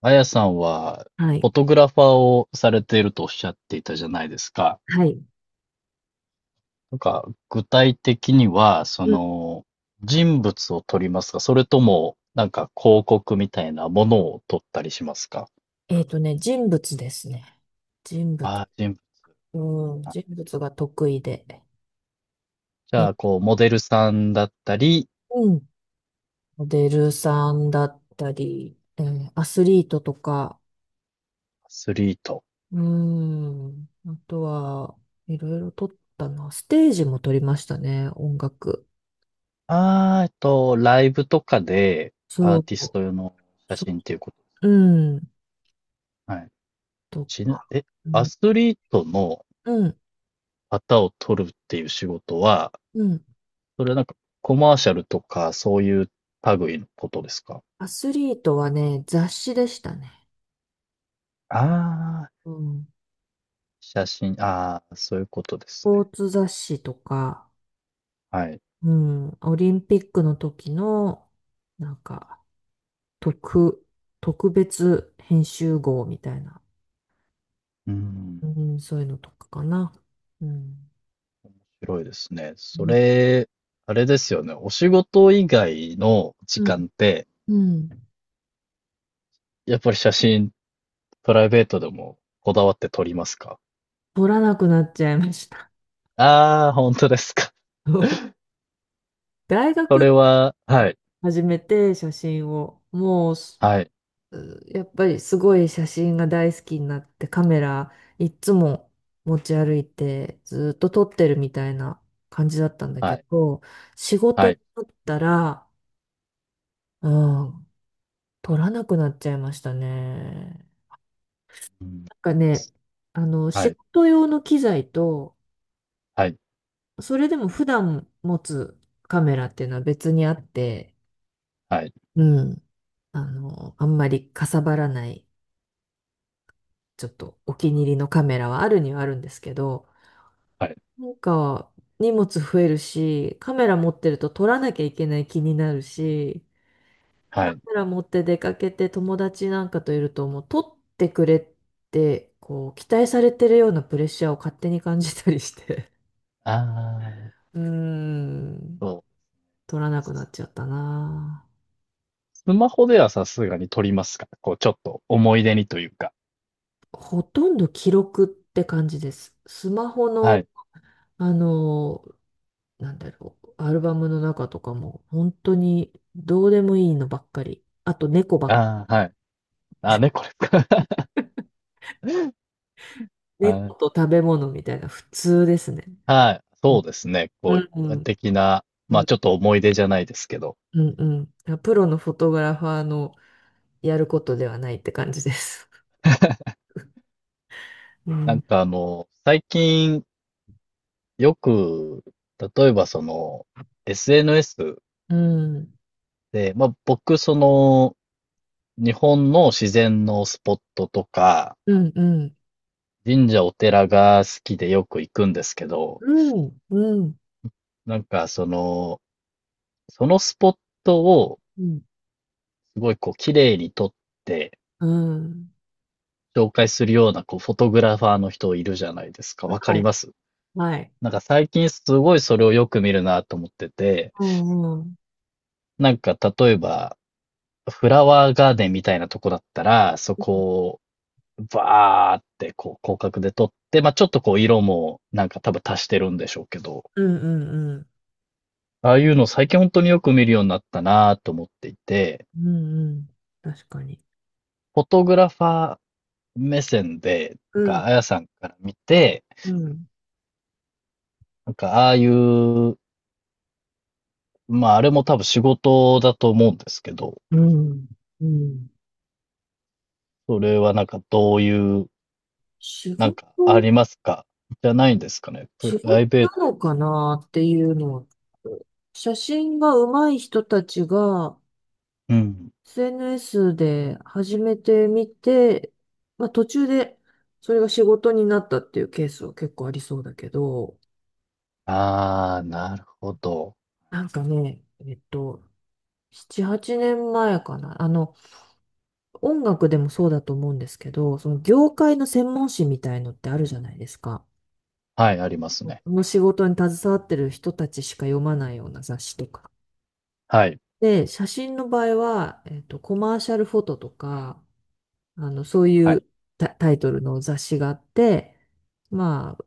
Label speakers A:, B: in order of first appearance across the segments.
A: あやさんは、
B: はい。
A: フォトグラファーをされているとおっしゃっていたじゃないですか。
B: はい。
A: なんか、具体的には、
B: うん
A: 人物を撮りますか？それとも、なんか広告みたいなものを撮ったりしますか？
B: 人物ですね。人物。
A: ああー、人物
B: うん、
A: か。
B: 人物が得意で。
A: じ
B: 日
A: ゃあ、こう、モデルさんだったり、
B: 本モデルさんだったり、アスリートとか、
A: アスリート。
B: うん、あとは、いろいろ撮ったな。ステージも撮りましたね、音楽。
A: ああ、ライブとかで、ア
B: そ
A: ーティス
B: う、
A: ト用の写
B: そ、
A: 真っていうこと。
B: うん、
A: はい。
B: と
A: ちな、
B: か。
A: え、
B: う
A: ア
B: ん、
A: スリートの
B: うん、
A: 方を撮るっていう仕事は、
B: うん。
A: それはなんかコマーシャルとか、そういう類のことですか？
B: アスリートはね、雑誌でしたね。
A: ああー、
B: うん。ス
A: 写真、ああ、そういうことです
B: ポ
A: ね。
B: ーツ雑誌とか、
A: はい。
B: うん、オリンピックの時の、なんか、特、特別編集号みたいな、
A: うん、
B: うん、そういうのとかかな。うん。
A: 広いですね。そ
B: う
A: れ、あれですよね、お仕事以外の時
B: ん。
A: 間って、
B: うん
A: やっぱり写真、プライベートでもこだわって撮りますか？
B: 撮らなくなっちゃいました。
A: ああー、本当ですか。
B: 大
A: そ
B: 学
A: れははい、
B: 始めて写真を、もうす、
A: はい、
B: やっぱりすごい写真が大好きになって、カメラいっつも持ち歩いて、ずっと撮ってるみたいな感じだったんだ
A: は
B: け
A: い、
B: ど、仕事
A: は
B: に
A: い。
B: なったら、ああ、取らなくなっちゃいましたね。
A: うん、
B: なんかね、あの、
A: は
B: 仕
A: い、
B: 事用の機材と、
A: はい、
B: それでも普段持つカメラっていうのは別にあって、
A: はい、
B: うん、あの、あんまりかさばらない、ちょっとお気に入りのカメラはあるにはあるんですけど、
A: はい、
B: なんか荷物増えるし、カメラ持ってると撮らなきゃいけない気になるし、カ
A: はい。
B: メラ持って出かけて友達なんかといるともう撮ってくれってこう期待されてるようなプレッシャーを勝手に感じたりして。
A: ああ、
B: うーん
A: そう。
B: 撮らなくなっちゃったな。
A: スマホではさすがに撮りますか？こう、ちょっと思い出にというか。
B: ほとんど記録って感じです、スマホの。
A: はい。
B: あの、なんだろう、アルバムの中とかも本当にどうでもいいのばっかり、あと猫ばっか
A: ああ、はい。ああ、ねこれ、か。
B: り、
A: は
B: 猫
A: い。
B: と食べ物みたいな、普通ですね。
A: はい。そうですね。
B: う
A: こう、一
B: ん。う
A: 般
B: ん。
A: 的な、ま
B: う
A: あ、
B: ん。
A: ちょっと思い出じゃないですけど。
B: うん。うん。あ、プロのフォトグラファーのやることではないって感じです。う
A: なん
B: ん。
A: か、最近、よく、例えばSNS
B: うん。
A: で、まあ、僕、日本の自然のスポットとか、
B: うん。うん。
A: 神社お寺が好きでよく行くんですけど、
B: うん。うん。
A: なんかその、そのスポットを
B: うん。
A: すごいこう綺麗に撮って
B: うん。
A: 紹介するようなこうフォトグラファーの人いるじゃないですか。わか
B: は
A: り
B: い。
A: ます
B: はい。
A: なんか最近すごいそれをよく見るなと思ってて、
B: うん。うん。
A: なんか例えばフラワーガーデンみたいなとこだったら、そこをバーってこう広角で撮って、まあちょっとこう色もなんか多分足してるんでしょうけど、
B: うんうんうん。
A: ああいうの最近本当によく見るようになったなと思っていて、
B: うんうん。確かに。
A: フォトグラファー目線で、
B: う
A: なん
B: ん。
A: かあやさんから見て、
B: うん。
A: なんかああいうまあ、あれも多分仕事だと思うんですけど、
B: うん。うん。
A: それはなんかどういう、
B: 仕
A: なん
B: 事、
A: かありますかじゃないんですかね。プ
B: 仕
A: ラ
B: 事
A: イベ
B: な
A: ート。
B: のかなっていうのは、写真が上手い人たちが、
A: うん。
B: SNS で始めてみて、まあ途中でそれが仕事になったっていうケースは結構ありそうだけど、
A: ああ、なるほど。
B: なんかね、えっと、7、8年前かな。あの、音楽でもそうだと思うんですけど、その業界の専門誌みたいのってあるじゃないですか。
A: はい、あります
B: こ
A: ね。
B: の仕事に携わってる人たちしか読まないような雑誌とか。
A: はい、
B: で、写真の場合は、えっと、コマーシャルフォトとか、あの、そう
A: は
B: い
A: い、
B: うタイトルの雑誌があって、まあ、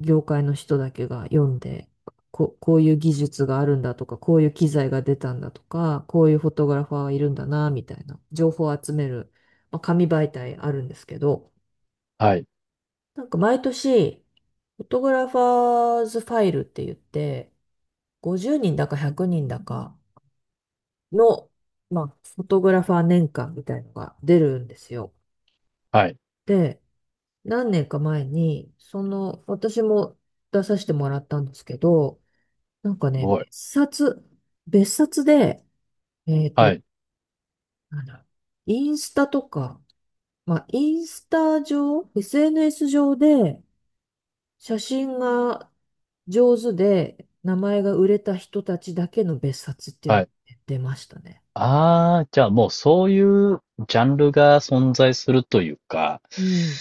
B: 業界の人だけが読んで、こういう技術があるんだとか、こういう機材が出たんだとか、こういうフォトグラファーがいるんだな、みたいな情報を集める、まあ、紙媒体あるんですけど、
A: はい、
B: なんか毎年、フォトグラファーズファイルって言って、50人だか100人だかの、まあ、フォトグラファー年間みたいのが出るんですよ。
A: はい。す
B: で、何年か前に、その、私も出させてもらったんですけど、なんかね、
A: ごい。
B: 別冊で、えっ
A: は
B: と、
A: い、
B: なんだ、インスタとか、まあ、インスタ上、SNS 上で、写真が上手で、名前が売れた人たちだけの別冊っていうの
A: は
B: が
A: い。
B: 出ましたね。
A: ああ、じゃあもうそういうジャンルが存在するというか、
B: うん。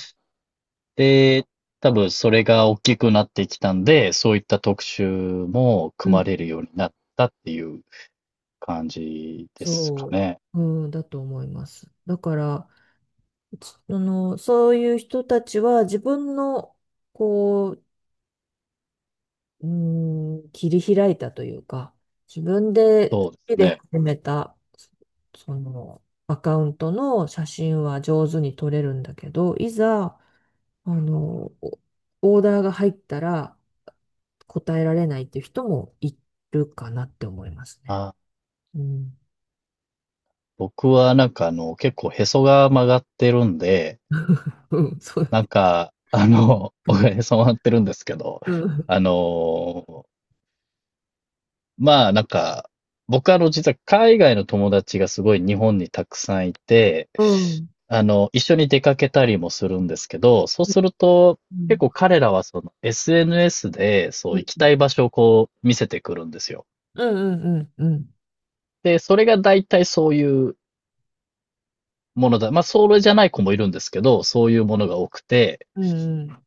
A: で、多分それが大きくなってきたんで、そういった特集も
B: う
A: 組
B: ん。
A: まれるようになったっていう感じですか
B: そう。
A: ね。
B: うん、だと思います。だから、そういう人たちは自分の、こう、うーん、切り開いたというか、自分で
A: そうで
B: 好き
A: す
B: で
A: ね。
B: 始めた、その、アカウントの写真は上手に撮れるんだけど、いざ、あの、オオーダーが入ったら答えられないっていう人もいるかなって思いますね。
A: あ、
B: うん。
A: 僕はなんか結構へそが曲がってるんで、
B: うん、そうだ
A: なん
B: ね。
A: か、僕はへそ曲がってるんですけど、
B: うん。
A: あの、まあなんか、僕はあの、実は海外の友達がすごい日本にたくさんいて、
B: うん。
A: 一緒に出かけたりもするんですけど、そうすると、
B: う
A: 結
B: ん。
A: 構彼らはその SNS で、そ
B: う
A: う、
B: ん。
A: 行きたい場所をこう見せてくるんですよ。
B: うん。うん。うん。うん。
A: で、それが大体そういうものだ。まあ、それじゃない子もいるんですけど、そういうものが多くて、
B: うん。うん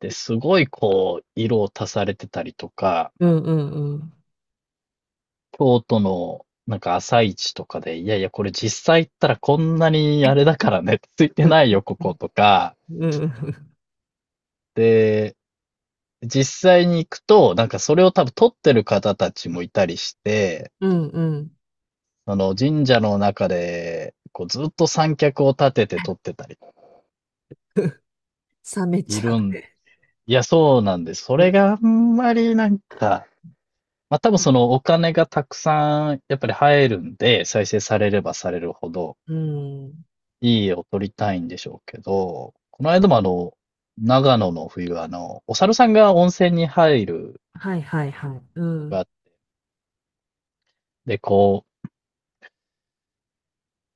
A: で、すごいこう、色を足されてたりとか、
B: うんうんうん。
A: 京都のなんか朝市とかで、いやいや、これ実際行ったらこんなにあれだからね、ついて
B: う
A: ない
B: ん
A: よ、ここ、とか。
B: うんうん。
A: で、実際に行くと、なんかそれを多分撮ってる方たちもいたりして、
B: うんうん。
A: その神社の中で、こうずっと三脚を立てて撮ってたり、
B: 冷め
A: い
B: ちゃ
A: る
B: う
A: ん、
B: ね。
A: いや、そうなんです。そ
B: う
A: れ
B: ん。
A: があんまりなんか、まあ多分そのお金がたくさんやっぱり入るんで、再生されればされるほど
B: うん。
A: いい絵を撮りたいんでしょうけど、この間も長野の冬はお猿さんが温泉に入る
B: はいはいはい。う
A: 場所があ
B: ん。
A: ってで、こう、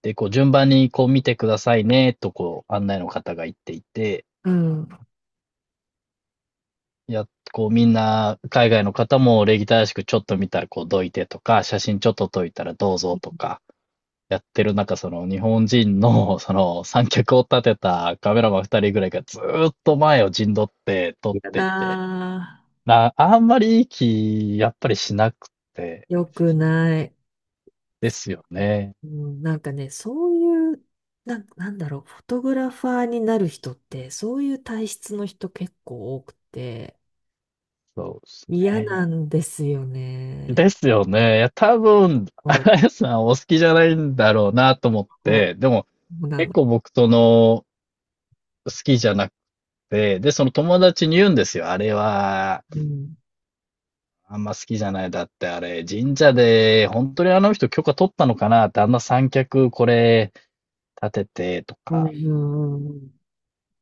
A: で、こう順番にこう見てくださいね、とこう案内の方が言っていて、
B: うん。
A: いや、こうみんな海外の方も礼儀正しくちょっと見たらこうどいてとか、写真ちょっと撮いたらどうぞとか、てる中、その日本人の、その三脚を立てたカメラマン二人ぐらいがずーっと前を陣取って撮っ
B: や
A: ていて、
B: だ
A: な、あんまりいい気、やっぱりしなくて、
B: ー。よくない。
A: ですよね。
B: うん、なんかね、そういう、なんだろう、フォトグラファーになる人って、そういう体質の人結構多くて、
A: そうです
B: 嫌な
A: ね。
B: んですよね。
A: ですよね。いや、多分、あ
B: こう、
A: やさんお好きじゃないんだろうなと思っ
B: こ
A: て、でも、
B: そうな
A: 結
B: の。
A: 構僕との好きじゃなくて、で、その友達に言うんですよ。あれは、
B: うん。
A: あんま好きじゃない。だってあれ、神社で、本当にあの人許可取ったのかなって、あんな三脚これ立ててと
B: うん、
A: か
B: うん、うん。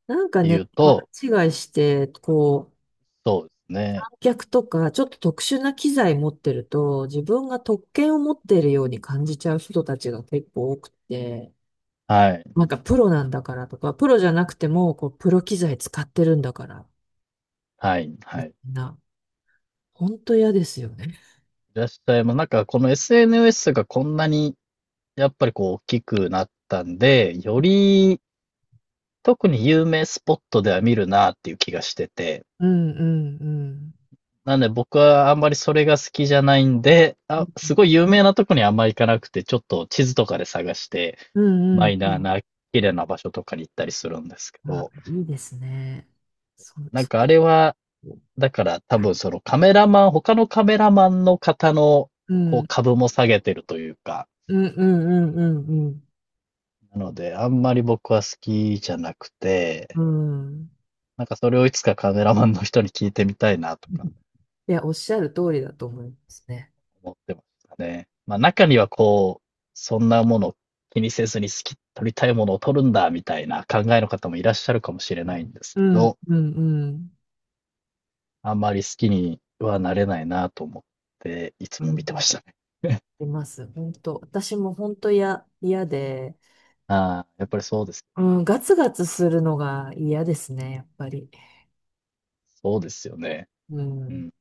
B: なんか
A: 言
B: ね、
A: う
B: 勘
A: と、
B: 違いして、こう、
A: そうですね。
B: 観客とか、ちょっと特殊な機材持ってると、自分が特権を持っているように感じちゃう人たちが結構多くて、
A: はい、
B: なんかプロなんだからとか、プロじゃなくても、こう、プロ機材使ってるんだから、
A: はい、
B: み
A: はい。い
B: んな、ほんと嫌ですよね。
A: らっしゃいます。なんかこの SNS がこんなに、やっぱりこう大きくなったんで、より特に有名スポットでは見るなっていう気がしてて。
B: うんうんう
A: なんで僕はあんまりそれが好きじゃないんで、あ、
B: ん。
A: すごい有名なとこにあんま行かなくて、ちょっと地図とかで探して
B: うんう
A: マ
B: ん
A: イ
B: う
A: ナー
B: ん。
A: な綺麗な場所とかに行ったりするんですけ
B: あ、
A: ど、
B: いいですね。
A: なん
B: そ
A: かあ
B: れ、
A: れは、だから多分そのカメラマン、他のカメラマンの方の
B: う
A: こう
B: ん、
A: 株も下げてるというか、
B: うんうんうんうん
A: なのであんまり僕は好きじゃなく
B: う
A: て、
B: ん。うん。
A: なんかそれをいつかカメラマンの人に聞いてみたいなとか
B: いや、おっしゃる通りだと思いますね。
A: 思ってましたね。まあ中にはこう、そんなもの気にせずに好き、撮りたいものを撮るんだみたいな考えの方もいらっしゃるかもしれないんです
B: う
A: け
B: ん、
A: ど、
B: うん、うん。
A: あんまり好きにはなれないなと思って、いつ
B: う
A: も
B: ん、
A: 見てましたね。
B: います。本当。私も本当や、嫌で、
A: ああ、やっぱりそうです。
B: うん、ガツガツするのが嫌ですね、やっぱり。
A: そうですよね。
B: う
A: う
B: ん。
A: ん。